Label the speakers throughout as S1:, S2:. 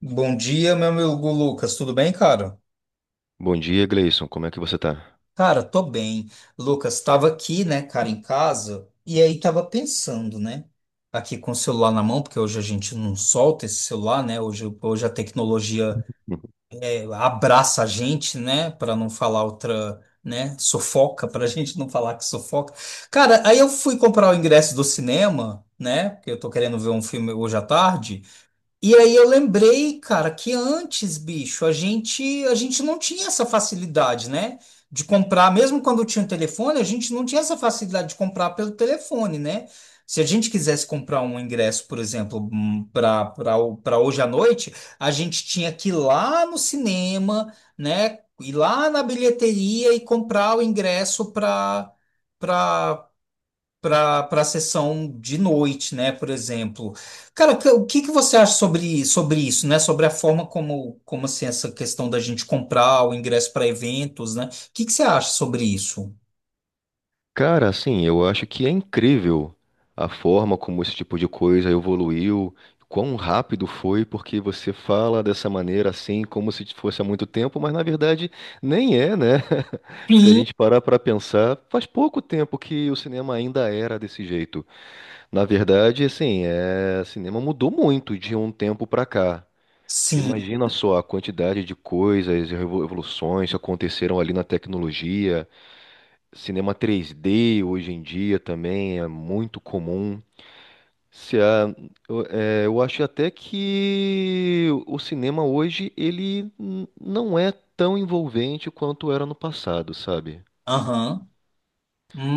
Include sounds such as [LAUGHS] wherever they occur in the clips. S1: Bom dia, meu amigo Lucas, tudo bem, cara?
S2: Bom dia, Gleison. Como é que você tá?
S1: Cara, tô bem. Lucas, tava aqui, né, cara, em casa, e aí tava pensando, né, aqui com o celular na mão, porque hoje a gente não solta esse celular, né, hoje, hoje a tecnologia
S2: [LAUGHS]
S1: abraça a gente, né, para não falar outra, né, sufoca, pra gente não falar que sufoca. Cara, aí eu fui comprar o ingresso do cinema, né, porque eu tô querendo ver um filme hoje à tarde. E aí eu lembrei, cara, que antes, bicho, a gente não tinha essa facilidade, né? De comprar, mesmo quando tinha o telefone, a gente não tinha essa facilidade de comprar pelo telefone, né? Se a gente quisesse comprar um ingresso, por exemplo, para para hoje à noite, a gente tinha que ir lá no cinema, né? Ir lá na bilheteria e comprar o ingresso para sessão de noite, né, por exemplo. Cara, o que você acha sobre isso, né? Sobre a forma como assim essa questão da gente comprar o ingresso para eventos, né? O que você acha sobre isso?
S2: Cara, assim, eu acho que é incrível a forma como esse tipo de coisa evoluiu, quão rápido foi, porque você fala dessa maneira assim, como se fosse há muito tempo, mas na verdade nem é, né? [LAUGHS] Se a
S1: Sim.
S2: gente parar para pensar, faz pouco tempo que o cinema ainda era desse jeito. Na verdade, assim, é, o cinema mudou muito de um tempo para cá.
S1: Sim,
S2: Imagina só a quantidade de coisas, e revoluções que aconteceram ali na tecnologia. Cinema 3D hoje em dia também é muito comum. Se a- eu acho até que o cinema hoje não é tão envolvente quanto era no passado, sabe?
S1: aham.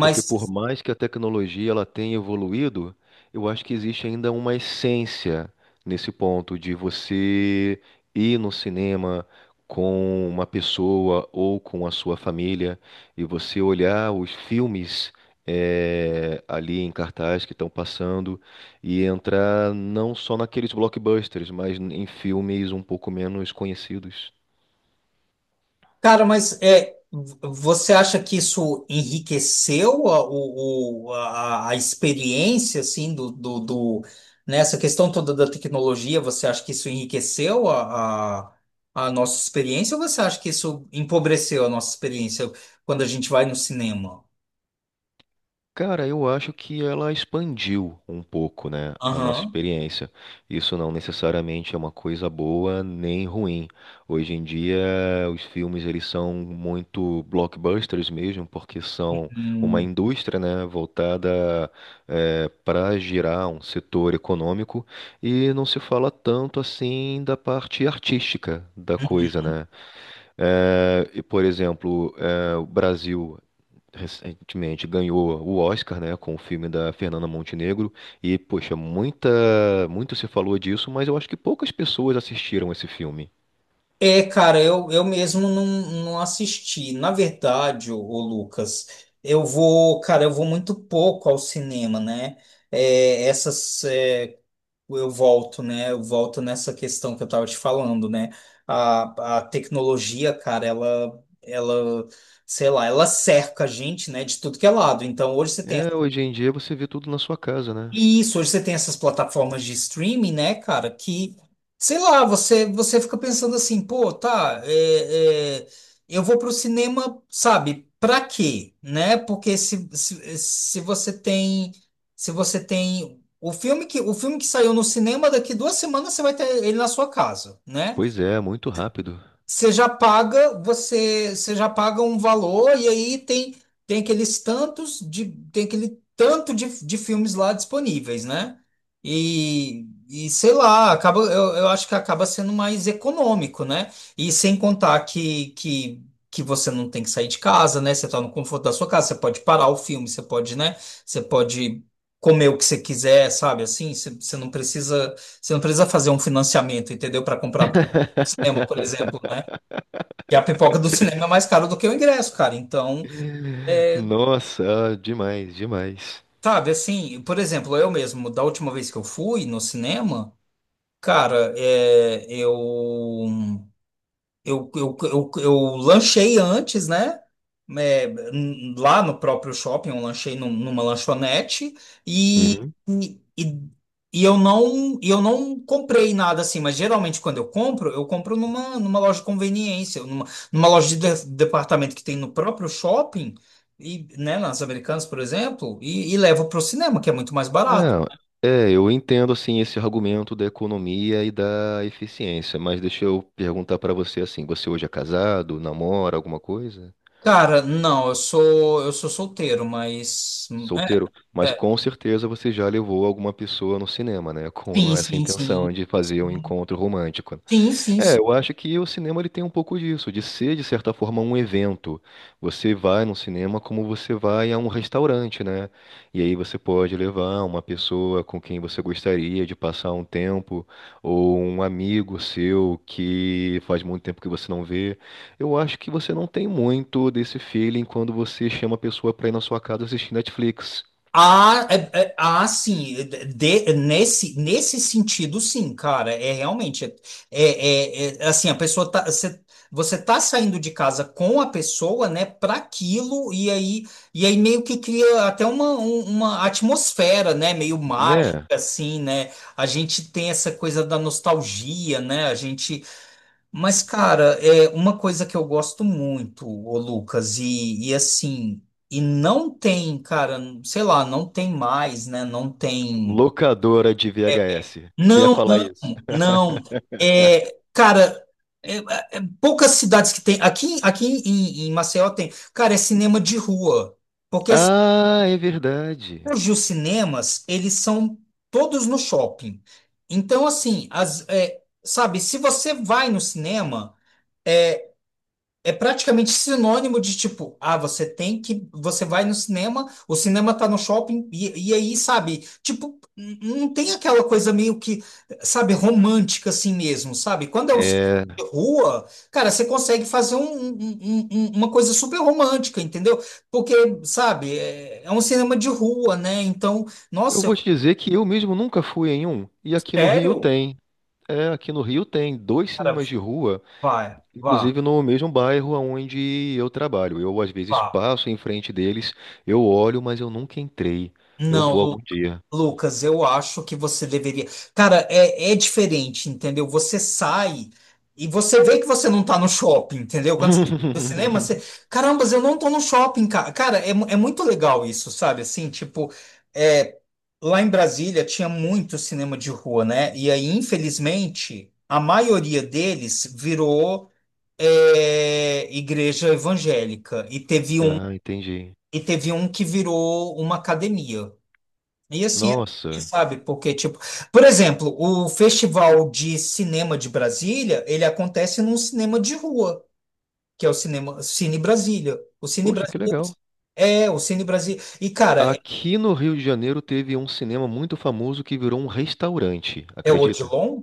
S2: Porque por mais que a tecnologia ela tenha evoluído, eu acho que existe ainda uma essência nesse ponto de você ir no cinema com uma pessoa ou com a sua família e você olhar os filmes ali em cartaz que estão passando e entrar não só naqueles blockbusters, mas em filmes um pouco menos conhecidos.
S1: cara, mas é, você acha que isso enriqueceu a, o- a experiência, assim, nessa questão toda da tecnologia? Você acha que isso enriqueceu a nossa experiência ou você acha que isso empobreceu a nossa experiência quando a gente vai no cinema?
S2: Cara, eu acho que ela expandiu um pouco, né, a nossa
S1: Aham.
S2: experiência. Isso não necessariamente é uma coisa boa nem ruim. Hoje em dia, os filmes eles são muito blockbusters mesmo, porque são uma indústria, né, voltada para girar um setor econômico e não se fala tanto assim da parte artística da coisa, né? E, por exemplo, o Brasil recentemente ganhou o Oscar, né, com o filme da Fernanda Montenegro e poxa, muito se falou disso, mas eu acho que poucas pessoas assistiram esse filme.
S1: É, cara, eu mesmo não assisti. Na verdade, ô Lucas, eu vou muito pouco ao cinema, né? É, essas, é, eu volto, né? Eu volto nessa questão que eu tava te falando, né? A tecnologia, cara, ela, sei lá, ela cerca a gente, né, de tudo que é lado. Então, hoje você tem
S2: É, hoje em dia você vê tudo na sua casa, né?
S1: e isso, hoje você tem essas plataformas de streaming, né, cara, que, sei lá, você fica pensando assim, pô, tá, é, eu vou pro cinema, sabe, pra quê, né? Porque se você tem, se você tem o filme que saiu no cinema, daqui duas semanas você vai ter ele na sua casa, né?
S2: Pois é, muito rápido.
S1: Você já paga, você já paga um valor e aí tem tem aqueles tantos de tem aquele tanto de filmes lá disponíveis, né? E sei lá, eu acho que acaba sendo mais econômico, né? E sem contar que você não tem que sair de casa, né? Você tá no conforto da sua casa, você pode parar o filme, você pode, né? Você pode comer o que você quiser, sabe? Assim, você não precisa fazer um financiamento, entendeu? Para comprar cinema, por exemplo, né? E a pipoca do cinema é mais cara do que o ingresso, cara. Então, é,
S2: Nossa, demais, demais.
S1: sabe, assim, por exemplo, eu mesmo, da última vez que eu fui no cinema, cara, é, eu lanchei antes, né? É, lá no próprio shopping, eu lanchei numa lanchonete e,
S2: Uhum.
S1: e, e e eu não comprei nada assim, mas geralmente quando eu compro numa loja de conveniência, numa loja de, departamento que tem no próprio shopping, e, né, nas Americanas, por exemplo, e levo para o cinema, que é muito mais barato.
S2: Eu entendo assim esse argumento da economia e da eficiência, mas deixa eu perguntar pra você assim, você hoje é casado, namora alguma coisa?
S1: Cara, não, eu sou solteiro, mas.
S2: Solteiro,
S1: É,
S2: mas
S1: é,
S2: com certeza você já levou alguma pessoa no cinema, né? Com
S1: sim,
S2: essa
S1: sim, sim.
S2: intenção de fazer um encontro romântico.
S1: Sim, sim,
S2: É,
S1: sim.
S2: eu acho que o cinema ele tem um pouco disso, de ser, de certa forma, um evento. Você vai no cinema como você vai a um restaurante, né? E aí você pode levar uma pessoa com quem você gostaria de passar um tempo, ou um amigo seu que faz muito tempo que você não vê. Eu acho que você não tem muito desse feeling quando você chama a pessoa para ir na sua casa assistir Netflix,
S1: Ah, ah, sim, nesse, nesse sentido, sim, cara, é realmente, é, é, assim, a pessoa tá, você, você tá saindo de casa com a pessoa, né, para aquilo, e aí meio que cria até uma atmosfera, né, meio mágica,
S2: né?
S1: assim, né, a gente tem essa coisa da nostalgia, né, a gente. Mas, cara, é uma coisa que eu gosto muito, ô Lucas, e assim, e não tem, cara, sei lá, não tem mais, né? Não tem.
S2: Locadora de VHS. Você ia
S1: Não,
S2: falar isso.
S1: não. É, cara, é poucas cidades que tem. Aqui, em Maceió tem. Cara, é cinema de rua. Porque assim,
S2: Ah, é verdade.
S1: hoje os cinemas, eles são todos no shopping. Então, assim, as, é, sabe, se você vai no cinema. É, é praticamente sinônimo de tipo, ah, você tem que, você vai no cinema, o cinema tá no shopping, e aí, sabe, tipo, não tem aquela coisa meio que, sabe, romântica assim mesmo, sabe? Quando é um cinema de rua, cara, você consegue fazer uma coisa super romântica, entendeu? Porque, sabe, é, é um cinema de rua, né? Então,
S2: Eu
S1: nossa,
S2: vou
S1: eu,
S2: te dizer que eu mesmo nunca fui em um. E aqui no Rio
S1: sério?
S2: tem. É, aqui no Rio tem dois
S1: Cara,
S2: cinemas de rua,
S1: vai, vá,
S2: inclusive no mesmo bairro onde eu trabalho. Eu às vezes
S1: vá.
S2: passo em frente deles, eu olho, mas eu nunca entrei. Eu vou
S1: Não,
S2: algum dia.
S1: Lucas, eu acho que você deveria. Cara, é, é diferente, entendeu? Você sai e você vê que você não tá no shopping, entendeu? Quando você tá no cinema,
S2: [LAUGHS]
S1: você. Caramba, eu não tô no shopping, cara. Cara, é, é muito legal isso, sabe? Assim, tipo, é, lá em Brasília tinha muito cinema de rua, né? E aí, infelizmente, a maioria deles virou é, igreja evangélica. E teve
S2: Ah, entendi.
S1: um que virou uma academia. E assim, é, triste,
S2: Nossa.
S1: sabe? Porque, tipo, por exemplo, o Festival de Cinema de Brasília, ele acontece num cinema de rua, que é o cinema Cine Brasília.
S2: Poxa, que legal.
S1: O Cine Brasília. E, cara, é,
S2: Aqui no Rio de Janeiro teve um cinema muito famoso que virou um restaurante,
S1: é o
S2: acredita?
S1: Odilon?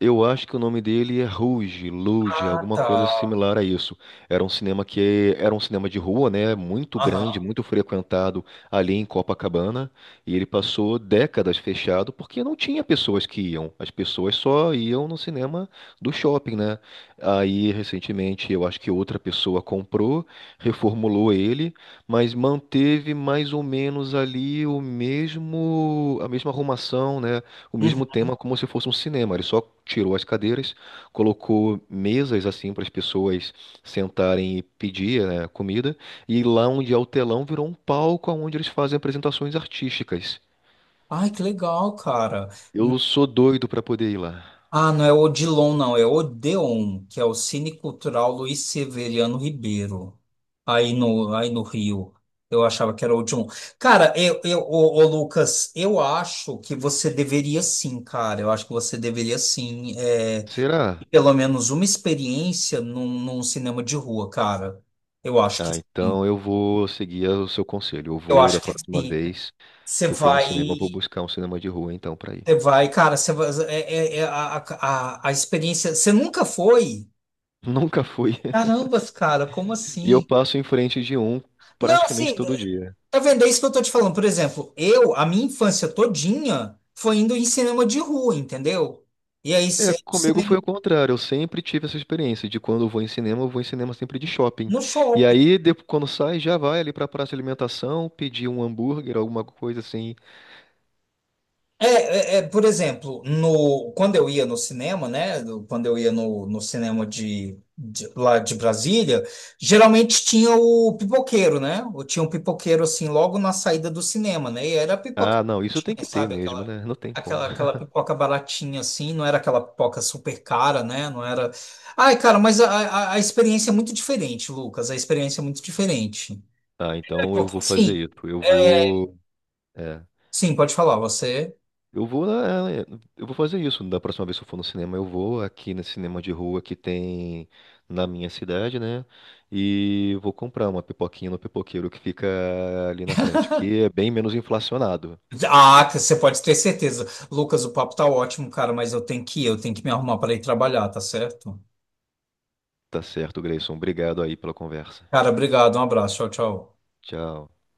S2: Eu acho que o nome dele é Rouge, Luge,
S1: Ah,
S2: alguma
S1: tá.
S2: coisa similar a isso. Era um cinema que era um cinema de rua, né? Muito grande,
S1: Aham.
S2: muito frequentado ali em Copacabana. E ele passou décadas fechado porque não tinha pessoas que iam. As pessoas só iam no cinema do shopping, né? Aí, recentemente, eu acho que outra pessoa comprou, reformulou ele, mas manteve mais ou menos ali o mesmo, a mesma arrumação, né? O
S1: Uhum.
S2: mesmo tema como se fosse um cinema. Ele só tirou as cadeiras, colocou mesas assim para as pessoas sentarem e pedir, né, comida, e lá onde é o telão virou um palco onde eles fazem apresentações artísticas.
S1: Ai, que legal, cara.
S2: Eu sou doido para poder ir lá.
S1: Ah, não é Odilon, não, é Odeon, que é o Cine Cultural Luiz Severiano Ribeiro, aí no Rio. Eu achava que era Odilon. Cara, Lucas, eu acho que você deveria sim, cara. Eu acho que você deveria sim, é, ter
S2: Será?
S1: pelo menos uma experiência num cinema de rua, cara. Eu acho que
S2: Ah,
S1: sim.
S2: então eu vou seguir o seu conselho. Eu
S1: Eu
S2: vou,
S1: acho
S2: da
S1: que
S2: próxima
S1: sim.
S2: vez
S1: Você
S2: que eu for no
S1: vai.
S2: cinema, eu vou buscar um cinema de rua então para ir.
S1: Você vai, cara, você vai, é a, a experiência. Você nunca foi?
S2: [LAUGHS] Nunca fui.
S1: Carambas, cara, como
S2: E eu
S1: assim?
S2: passo em frente de um
S1: Não,
S2: praticamente
S1: assim,
S2: todo dia.
S1: tá vendo? É isso que eu tô te falando. Por exemplo, eu, a minha infância todinha foi indo em cinema de rua, entendeu? E aí
S2: É,
S1: sempre
S2: comigo foi
S1: cinema
S2: o contrário. Eu sempre tive essa experiência de quando eu vou em cinema, eu vou em cinema sempre de shopping.
S1: no
S2: E
S1: shopping.
S2: aí, quando sai, já vai ali pra praça de alimentação, pedir um hambúrguer, alguma coisa assim.
S1: É, é, por exemplo, no, quando eu ia no cinema, né? Quando eu ia no cinema de, lá de Brasília, geralmente tinha o pipoqueiro, né? Ou tinha um pipoqueiro assim logo na saída do cinema, né? E era a pipoca,
S2: Ah, não, isso tem
S1: baratinha,
S2: que ter
S1: sabe?
S2: mesmo, né? Não tem como. [LAUGHS]
S1: Aquela pipoca baratinha assim, não era aquela pipoca super cara, né? Não era. Ai, cara, mas a experiência é muito diferente, Lucas. A experiência é muito diferente.
S2: Ah,
S1: É
S2: então eu
S1: porque-
S2: vou fazer
S1: sim,
S2: isso. Eu vou. É.
S1: sim, pode falar, você.
S2: Eu vou, eu vou fazer isso. Da próxima vez que eu for no cinema, eu vou aqui nesse cinema de rua que tem na minha cidade, né? E vou comprar uma pipoquinha no pipoqueiro que fica ali na frente, que é bem menos inflacionado.
S1: Ah, você pode ter certeza. Lucas, o papo tá ótimo, cara, mas eu tenho que ir, eu tenho que me arrumar para ir trabalhar, tá certo?
S2: Tá certo, Grayson. Obrigado aí pela conversa.
S1: Cara, obrigado, um abraço, tchau, tchau.
S2: Tchau.